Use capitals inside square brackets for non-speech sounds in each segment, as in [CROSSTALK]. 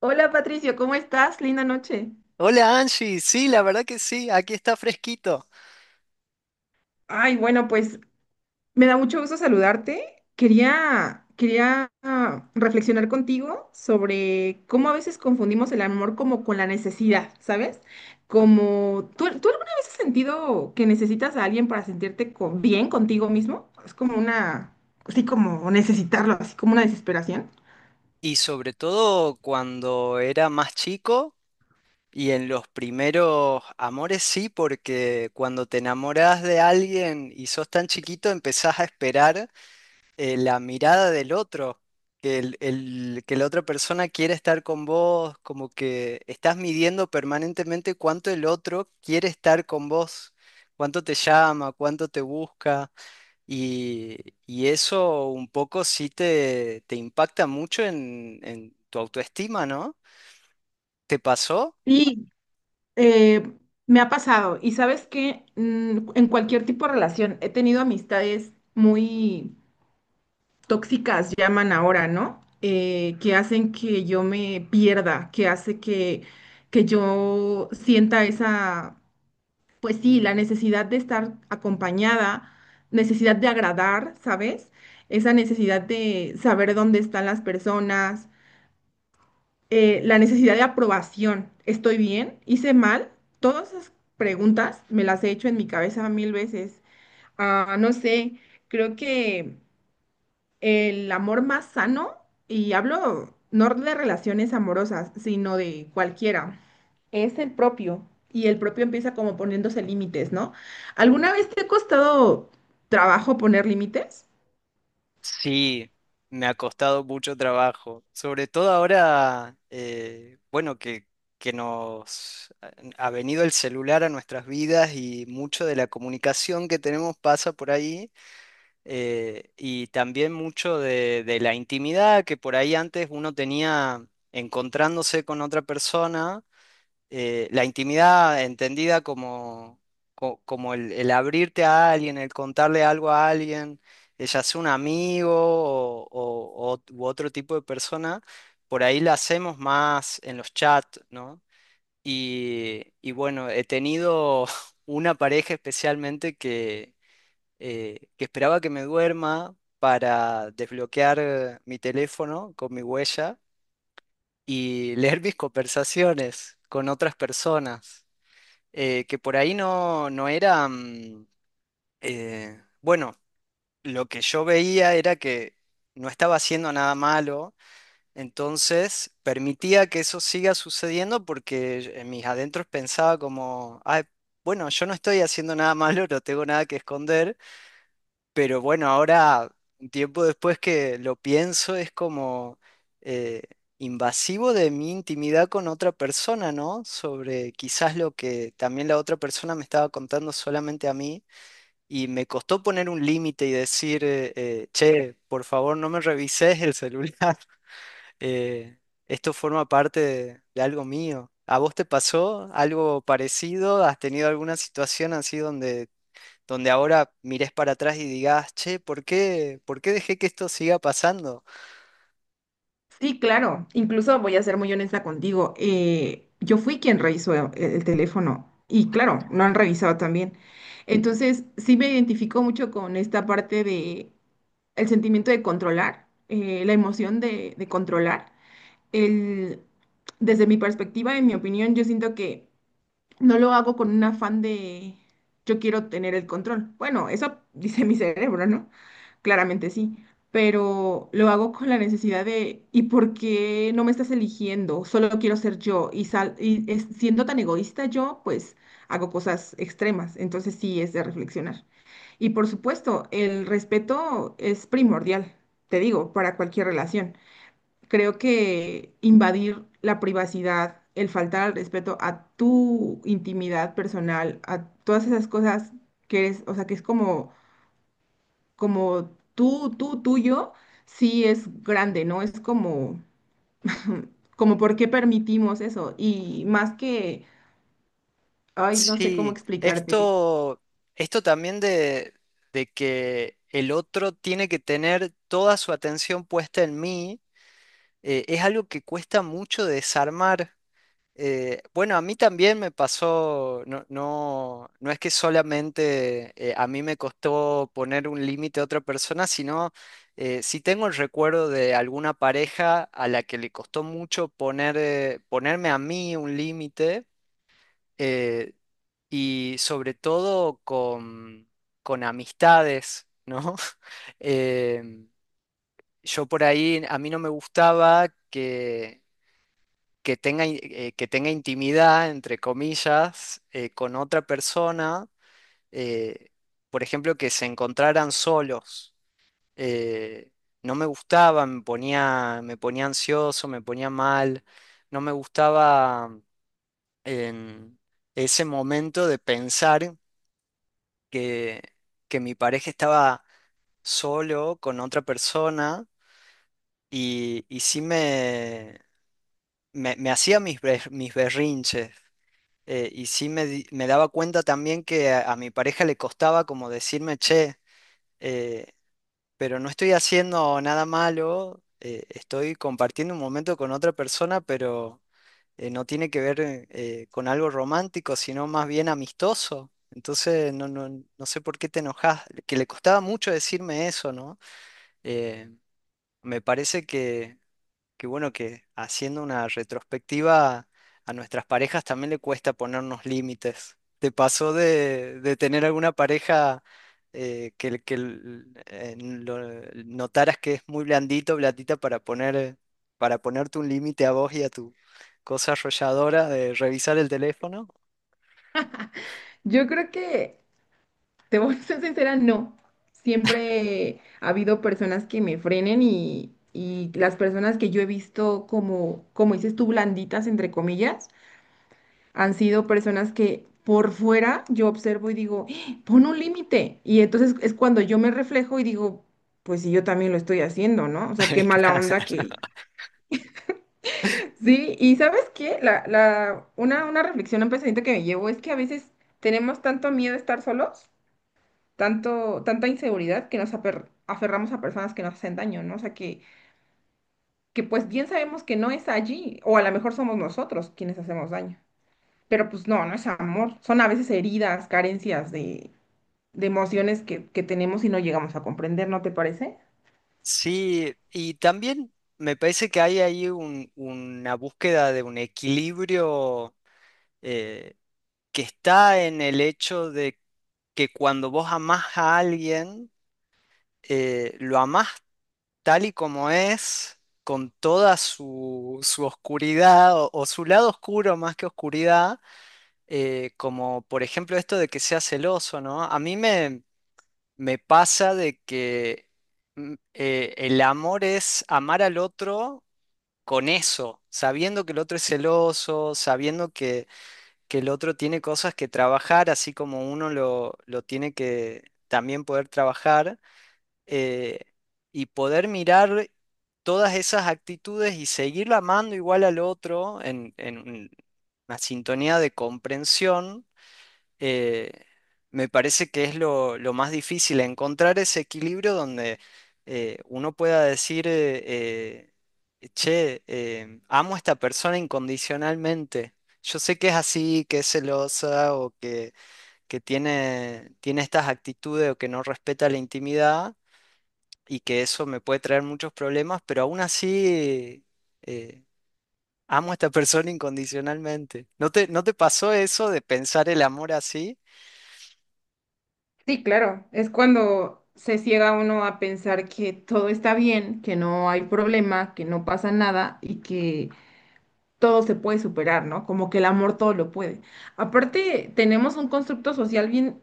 Hola Patricio, ¿cómo estás? Linda noche. Hola Angie, sí, la verdad que sí, aquí está fresquito. Ay, bueno, pues me da mucho gusto saludarte. Quería reflexionar contigo sobre cómo a veces confundimos el amor como con la necesidad, ¿sabes? Como, ¿tú alguna vez has sentido que necesitas a alguien para sentirte bien contigo mismo? Es como una, así como necesitarlo, así como una desesperación. Y sobre todo cuando era más chico y en los primeros amores sí, porque cuando te enamoras de alguien y sos tan chiquito empezás a esperar la mirada del otro, que la otra persona quiere estar con vos, como que estás midiendo permanentemente cuánto el otro quiere estar con vos, cuánto te llama, cuánto te busca. Y, y eso un poco sí te impacta mucho en tu autoestima, ¿no? ¿Te pasó? Sí. Eh, me ha pasado, y sabes que en cualquier tipo de relación he tenido amistades muy tóxicas, llaman ahora, ¿no? Que hacen que yo me pierda, que hace que yo sienta esa, pues sí, la necesidad de estar acompañada, necesidad de agradar, ¿sabes? Esa necesidad de saber dónde están las personas, la necesidad de aprobación. ¿Estoy bien? ¿Hice mal? Todas esas preguntas me las he hecho en mi cabeza mil veces. No sé, creo que el amor más sano, y hablo no de relaciones amorosas, sino de cualquiera, es el propio. Y el propio empieza como poniéndose límites, ¿no? ¿Alguna vez te ha costado trabajo poner límites? Sí, me ha costado mucho trabajo. Sobre todo ahora, bueno, que nos ha venido el celular a nuestras vidas y mucho de la comunicación que tenemos pasa por ahí. Y también mucho de la intimidad que por ahí antes uno tenía encontrándose con otra persona, la intimidad entendida como, como el abrirte a alguien, el contarle algo a alguien, ya sea un amigo u otro tipo de persona, por ahí la hacemos más en los chats, ¿no? Y bueno, he tenido [LAUGHS] una pareja especialmente que esperaba que me duerma para desbloquear mi teléfono con mi huella y [LAUGHS] leer mis conversaciones con otras personas, que por ahí no era, bueno, lo que yo veía era que no estaba haciendo nada malo, entonces permitía que eso siga sucediendo porque en mis adentros pensaba como, "Ay, bueno, yo no estoy haciendo nada [LAUGHS] malo, no tengo nada que esconder". Pero bueno, ahora, un tiempo después que lo pienso, es como eh, invasivo de mi intimidad con otra persona, ¿no? Sobre quizás lo que también la otra persona me estaba contando solamente a mí. Y me costó poner un límite y decir, che, por favor, no me revises el celular. [LAUGHS] eh, esto forma parte de algo mío. ¿A vos te pasó algo parecido? ¿Has tenido alguna situación así donde ahora mires para atrás y digas, che, por qué dejé que esto siga pasando? Sí, claro. Incluso voy a ser muy honesta contigo. Yo fui quien revisó el teléfono y claro, no han revisado también. Entonces, sí me identifico mucho con esta parte de el sentimiento de controlar, la emoción de controlar. El, desde mi perspectiva, en mi opinión, yo siento que no lo hago con un afán de yo quiero tener el control. Bueno, eso [LAUGHS] dice mi cerebro, ¿no? Claramente sí, pero lo hago con la necesidad de ¿y por qué no me estás eligiendo? Solo quiero ser yo y, siendo tan egoísta yo, pues hago cosas extremas. Entonces sí es de reflexionar. Y por supuesto, el respeto es primordial, te digo, para cualquier relación. Creo que invadir la privacidad, el faltar al respeto a tu intimidad personal, a todas esas cosas que eres, o sea, que es como, como tú, tuyo, sí es grande, ¿no? Es como por qué permitimos eso. Y más que, ay, no sé cómo Sí, explicarte. esto también de que el otro tiene que tener toda su atención puesta en mí, es algo que cuesta mucho desarmar. Bueno, a mí también me pasó, no es que solamente a mí me costó poner un límite a otra persona, sino sí tengo el recuerdo de alguna pareja a la que le costó mucho poner, ponerme a mí un límite, eh, y sobre todo con amistades, ¿no? [LAUGHS] Em, yo por ahí, a mí no me gustaba que que tenga intimidad, entre comillas, con otra persona, eh, por ejemplo, que se encontraran solos. Eh, no me gustaba, me ponía ansioso, me ponía mal, no me gustaba en ese momento de pensar que, que mi pareja estaba solo con otra persona, y sí me hacía mis berrinches. Y sí me daba cuenta también que a mi pareja le costaba como decirme, che, eh, pero no estoy haciendo nada malo, estoy compartiendo un momento con otra persona, pero no tiene que ver con algo romántico, sino más bien amistoso. Entonces, no sé por qué te enojas, que le costaba mucho decirme eso, ¿no? Eh, Me parece que... Qué bueno que haciendo una retrospectiva a nuestras parejas también le cuesta ponernos límites. ¿Te pasó de tener alguna pareja que, que notaras que es muy blandita para poner, para ponerte un límite a vos y a tu cosa arrolladora de revisar el teléfono? Yo creo que Te voy a ser sincera, no. Siempre ha habido personas que me frenen y las personas que yo he visto como dices tú, blanditas, entre comillas, han sido personas que por fuera yo observo y digo, "Ah, pon un límite". Y entonces es cuando yo me reflejo y digo, pues sí, yo también lo estoy haciendo, ¿no? O sea, [LAUGHS] qué mala onda Claro. que... [LAUGHS] Sí, y ¿sabes qué? Una reflexión, un pensamiento que me llevo es que a veces tenemos tanto miedo a estar solos, tanto, tanta inseguridad que nos aferramos a personas que nos hacen daño, ¿no? O sea, que pues bien sabemos que no es allí, o a lo mejor somos nosotros quienes hacemos daño, pero pues no, no es amor, son a veces heridas, carencias de emociones que tenemos y no llegamos a comprender, ¿no te parece? Sí, y también me parece que hay ahí una búsqueda de un equilibrio. eh, que está en el hecho de que cuando vos amás a alguien, lo amás tal y como es, con toda su, su oscuridad o su lado oscuro más que oscuridad, como por ejemplo esto de que sea celoso, ¿no? A mí me pasa de que el amor es amar al otro con eso, sabiendo que el otro es celoso, sabiendo que el otro tiene cosas que trabajar, así como uno lo tiene que también poder trabajar, eh, y poder mirar todas esas actitudes y seguir amando igual al otro en una sintonía de comprensión. eh, Me parece que es lo más difícil, encontrar ese equilibrio donde uno pueda decir, che, amo a esta persona incondicionalmente. Yo sé que es así, que es celosa o que tiene, tiene estas actitudes o que no respeta la intimidad y que eso me puede traer muchos problemas, pero aún así eh, amo a esta persona incondicionalmente. ¿No te, no te pasó eso de pensar el amor así? Sí, claro, es cuando se ciega uno a pensar que todo está bien, que no hay problema, que no pasa nada y que todo se puede superar, ¿no? Como que el amor todo lo puede. Aparte, tenemos un constructo social bien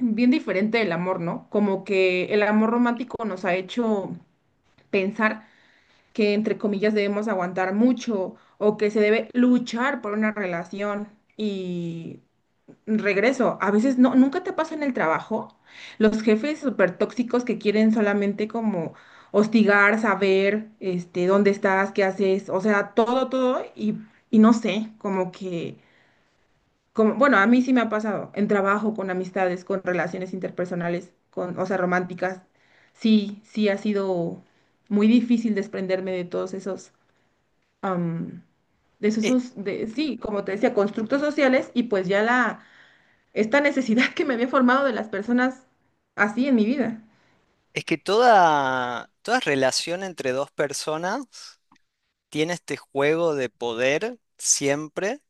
bien diferente del amor, ¿no? Como que el amor romántico nos ha hecho pensar que, entre comillas, debemos aguantar mucho o que se debe luchar por una relación. Y regreso, a veces no, nunca te pasa en el trabajo los jefes súper tóxicos que quieren solamente como hostigar, saber, este, dónde estás, qué haces, o sea, todo, todo y no sé, como que... Como, bueno, a mí sí me ha pasado en trabajo, con amistades, con relaciones interpersonales, con, o sea, románticas. Sí, sí ha sido muy difícil desprenderme de todos esos, am, de esos, E- esos- de, sí, como te decía, constructos sociales y pues ya la, esta necesidad [LAUGHS] que me había formado de las personas así en mi vida. Es que toda, toda relación entre dos personas tiene este juego de poder siempre,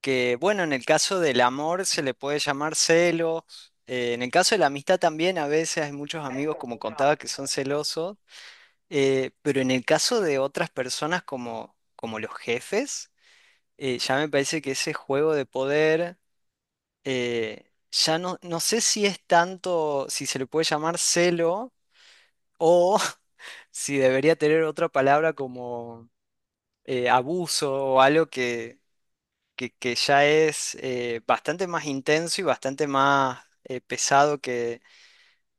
que bueno, en el caso del amor se le puede llamar celos, en el caso de la amistad también a veces hay muchos amigos, como contaba, que son celosos, pero en el caso de otras personas como, como los jefes, ya me parece que ese juego de poder, ya no, no sé si es tanto, si se le puede llamar celo. O sí, debería tener otra palabra como abuso o algo que, que ya es bastante más intenso y bastante más pesado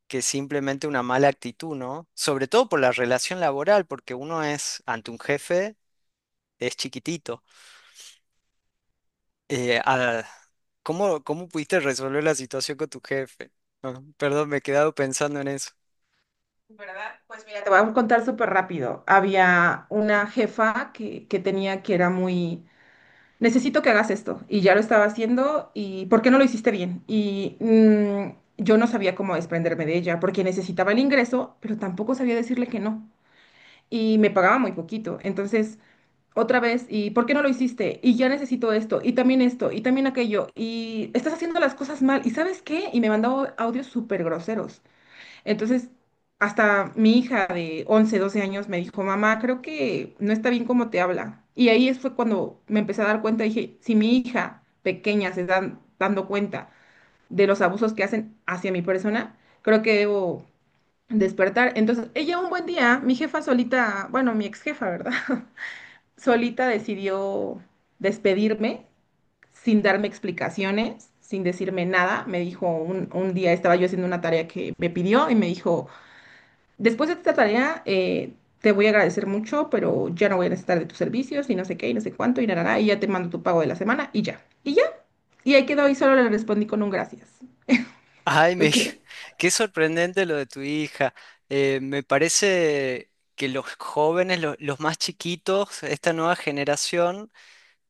que simplemente una mala actitud, ¿no? Sobre todo por la relación laboral, porque uno es, ante un jefe, es chiquitito. Sí, Eh, ah, ¿Cómo, cómo pudiste resolver la situación con tu jefe? Ah, perdón, me he quedado pensando en eso. ¿verdad? Pues mira, te voy a contar súper rápido. Había una jefa que tenía que era muy... necesito que hagas esto. Y ya lo estaba haciendo y ¿por qué no lo hiciste bien? Y yo no sabía cómo desprenderme de ella porque necesitaba el ingreso, pero tampoco sabía decirle que no. Y me pagaba muy poquito. Entonces, otra vez, ¿y por qué no lo hiciste? Y ya necesito esto, y también aquello. Y estás haciendo las cosas mal. ¿Y sabes qué? Y me mandó audios súper groseros. Entonces, hasta mi hija de 11 12 años me dijo, mamá, creo que no está bien cómo te habla. Y ahí fue cuando me empecé a dar cuenta, dije, si mi hija pequeña se está dando cuenta de los abusos que hacen hacia mi persona, creo que debo despertar. Entonces, ella un buen día, mi jefa solita, bueno, mi ex jefa, ¿verdad? [LAUGHS] Solita decidió despedirme sin darme explicaciones, sin decirme nada. Me dijo, un día estaba yo haciendo una tarea que me pidió y me dijo, después de esta tarea, te voy a agradecer mucho, pero ya no voy a necesitar de tus servicios y no sé qué y no sé cuánto y nada, y ya te mando tu pago de la semana y ya. Y ya. Y ahí quedó y solo le respondí con un gracias. Ay, ¿Tú crees? [LAUGHS] qué sorprendente lo de tu hija. Me parece que los jóvenes, los más chiquitos, esta nueva generación,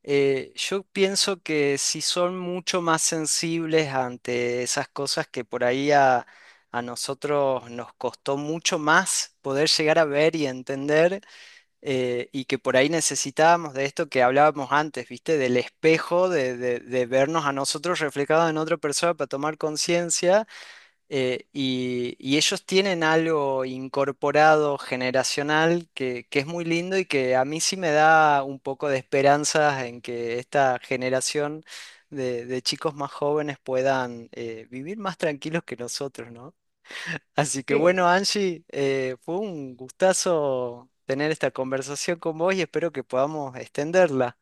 yo pienso que sí son mucho más sensibles ante esas cosas que por ahí a nosotros nos costó mucho más poder llegar a ver y entender, y que por ahí necesitábamos de esto que hablábamos antes, ¿viste? Del espejo, de, de vernos a nosotros reflejados en otra persona para tomar conciencia. Y, y ellos tienen algo incorporado generacional que es muy lindo y que a mí sí me da un poco de esperanzas en que esta generación de chicos más jóvenes puedan vivir más tranquilos que nosotros, ¿no? Así que Eh, bueno, Angie, fue un gustazo tener esta conversación con vos y espero que podamos extenderla.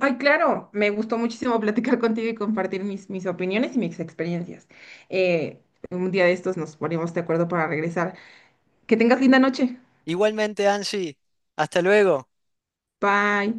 ay, claro, me gustó muchísimo platicar contigo y compartir mis opiniones y mis experiencias. Eh, un día de estos nos ponemos de acuerdo para regresar. Que tengas linda noche. Igualmente, Angie, hasta luego. Bye.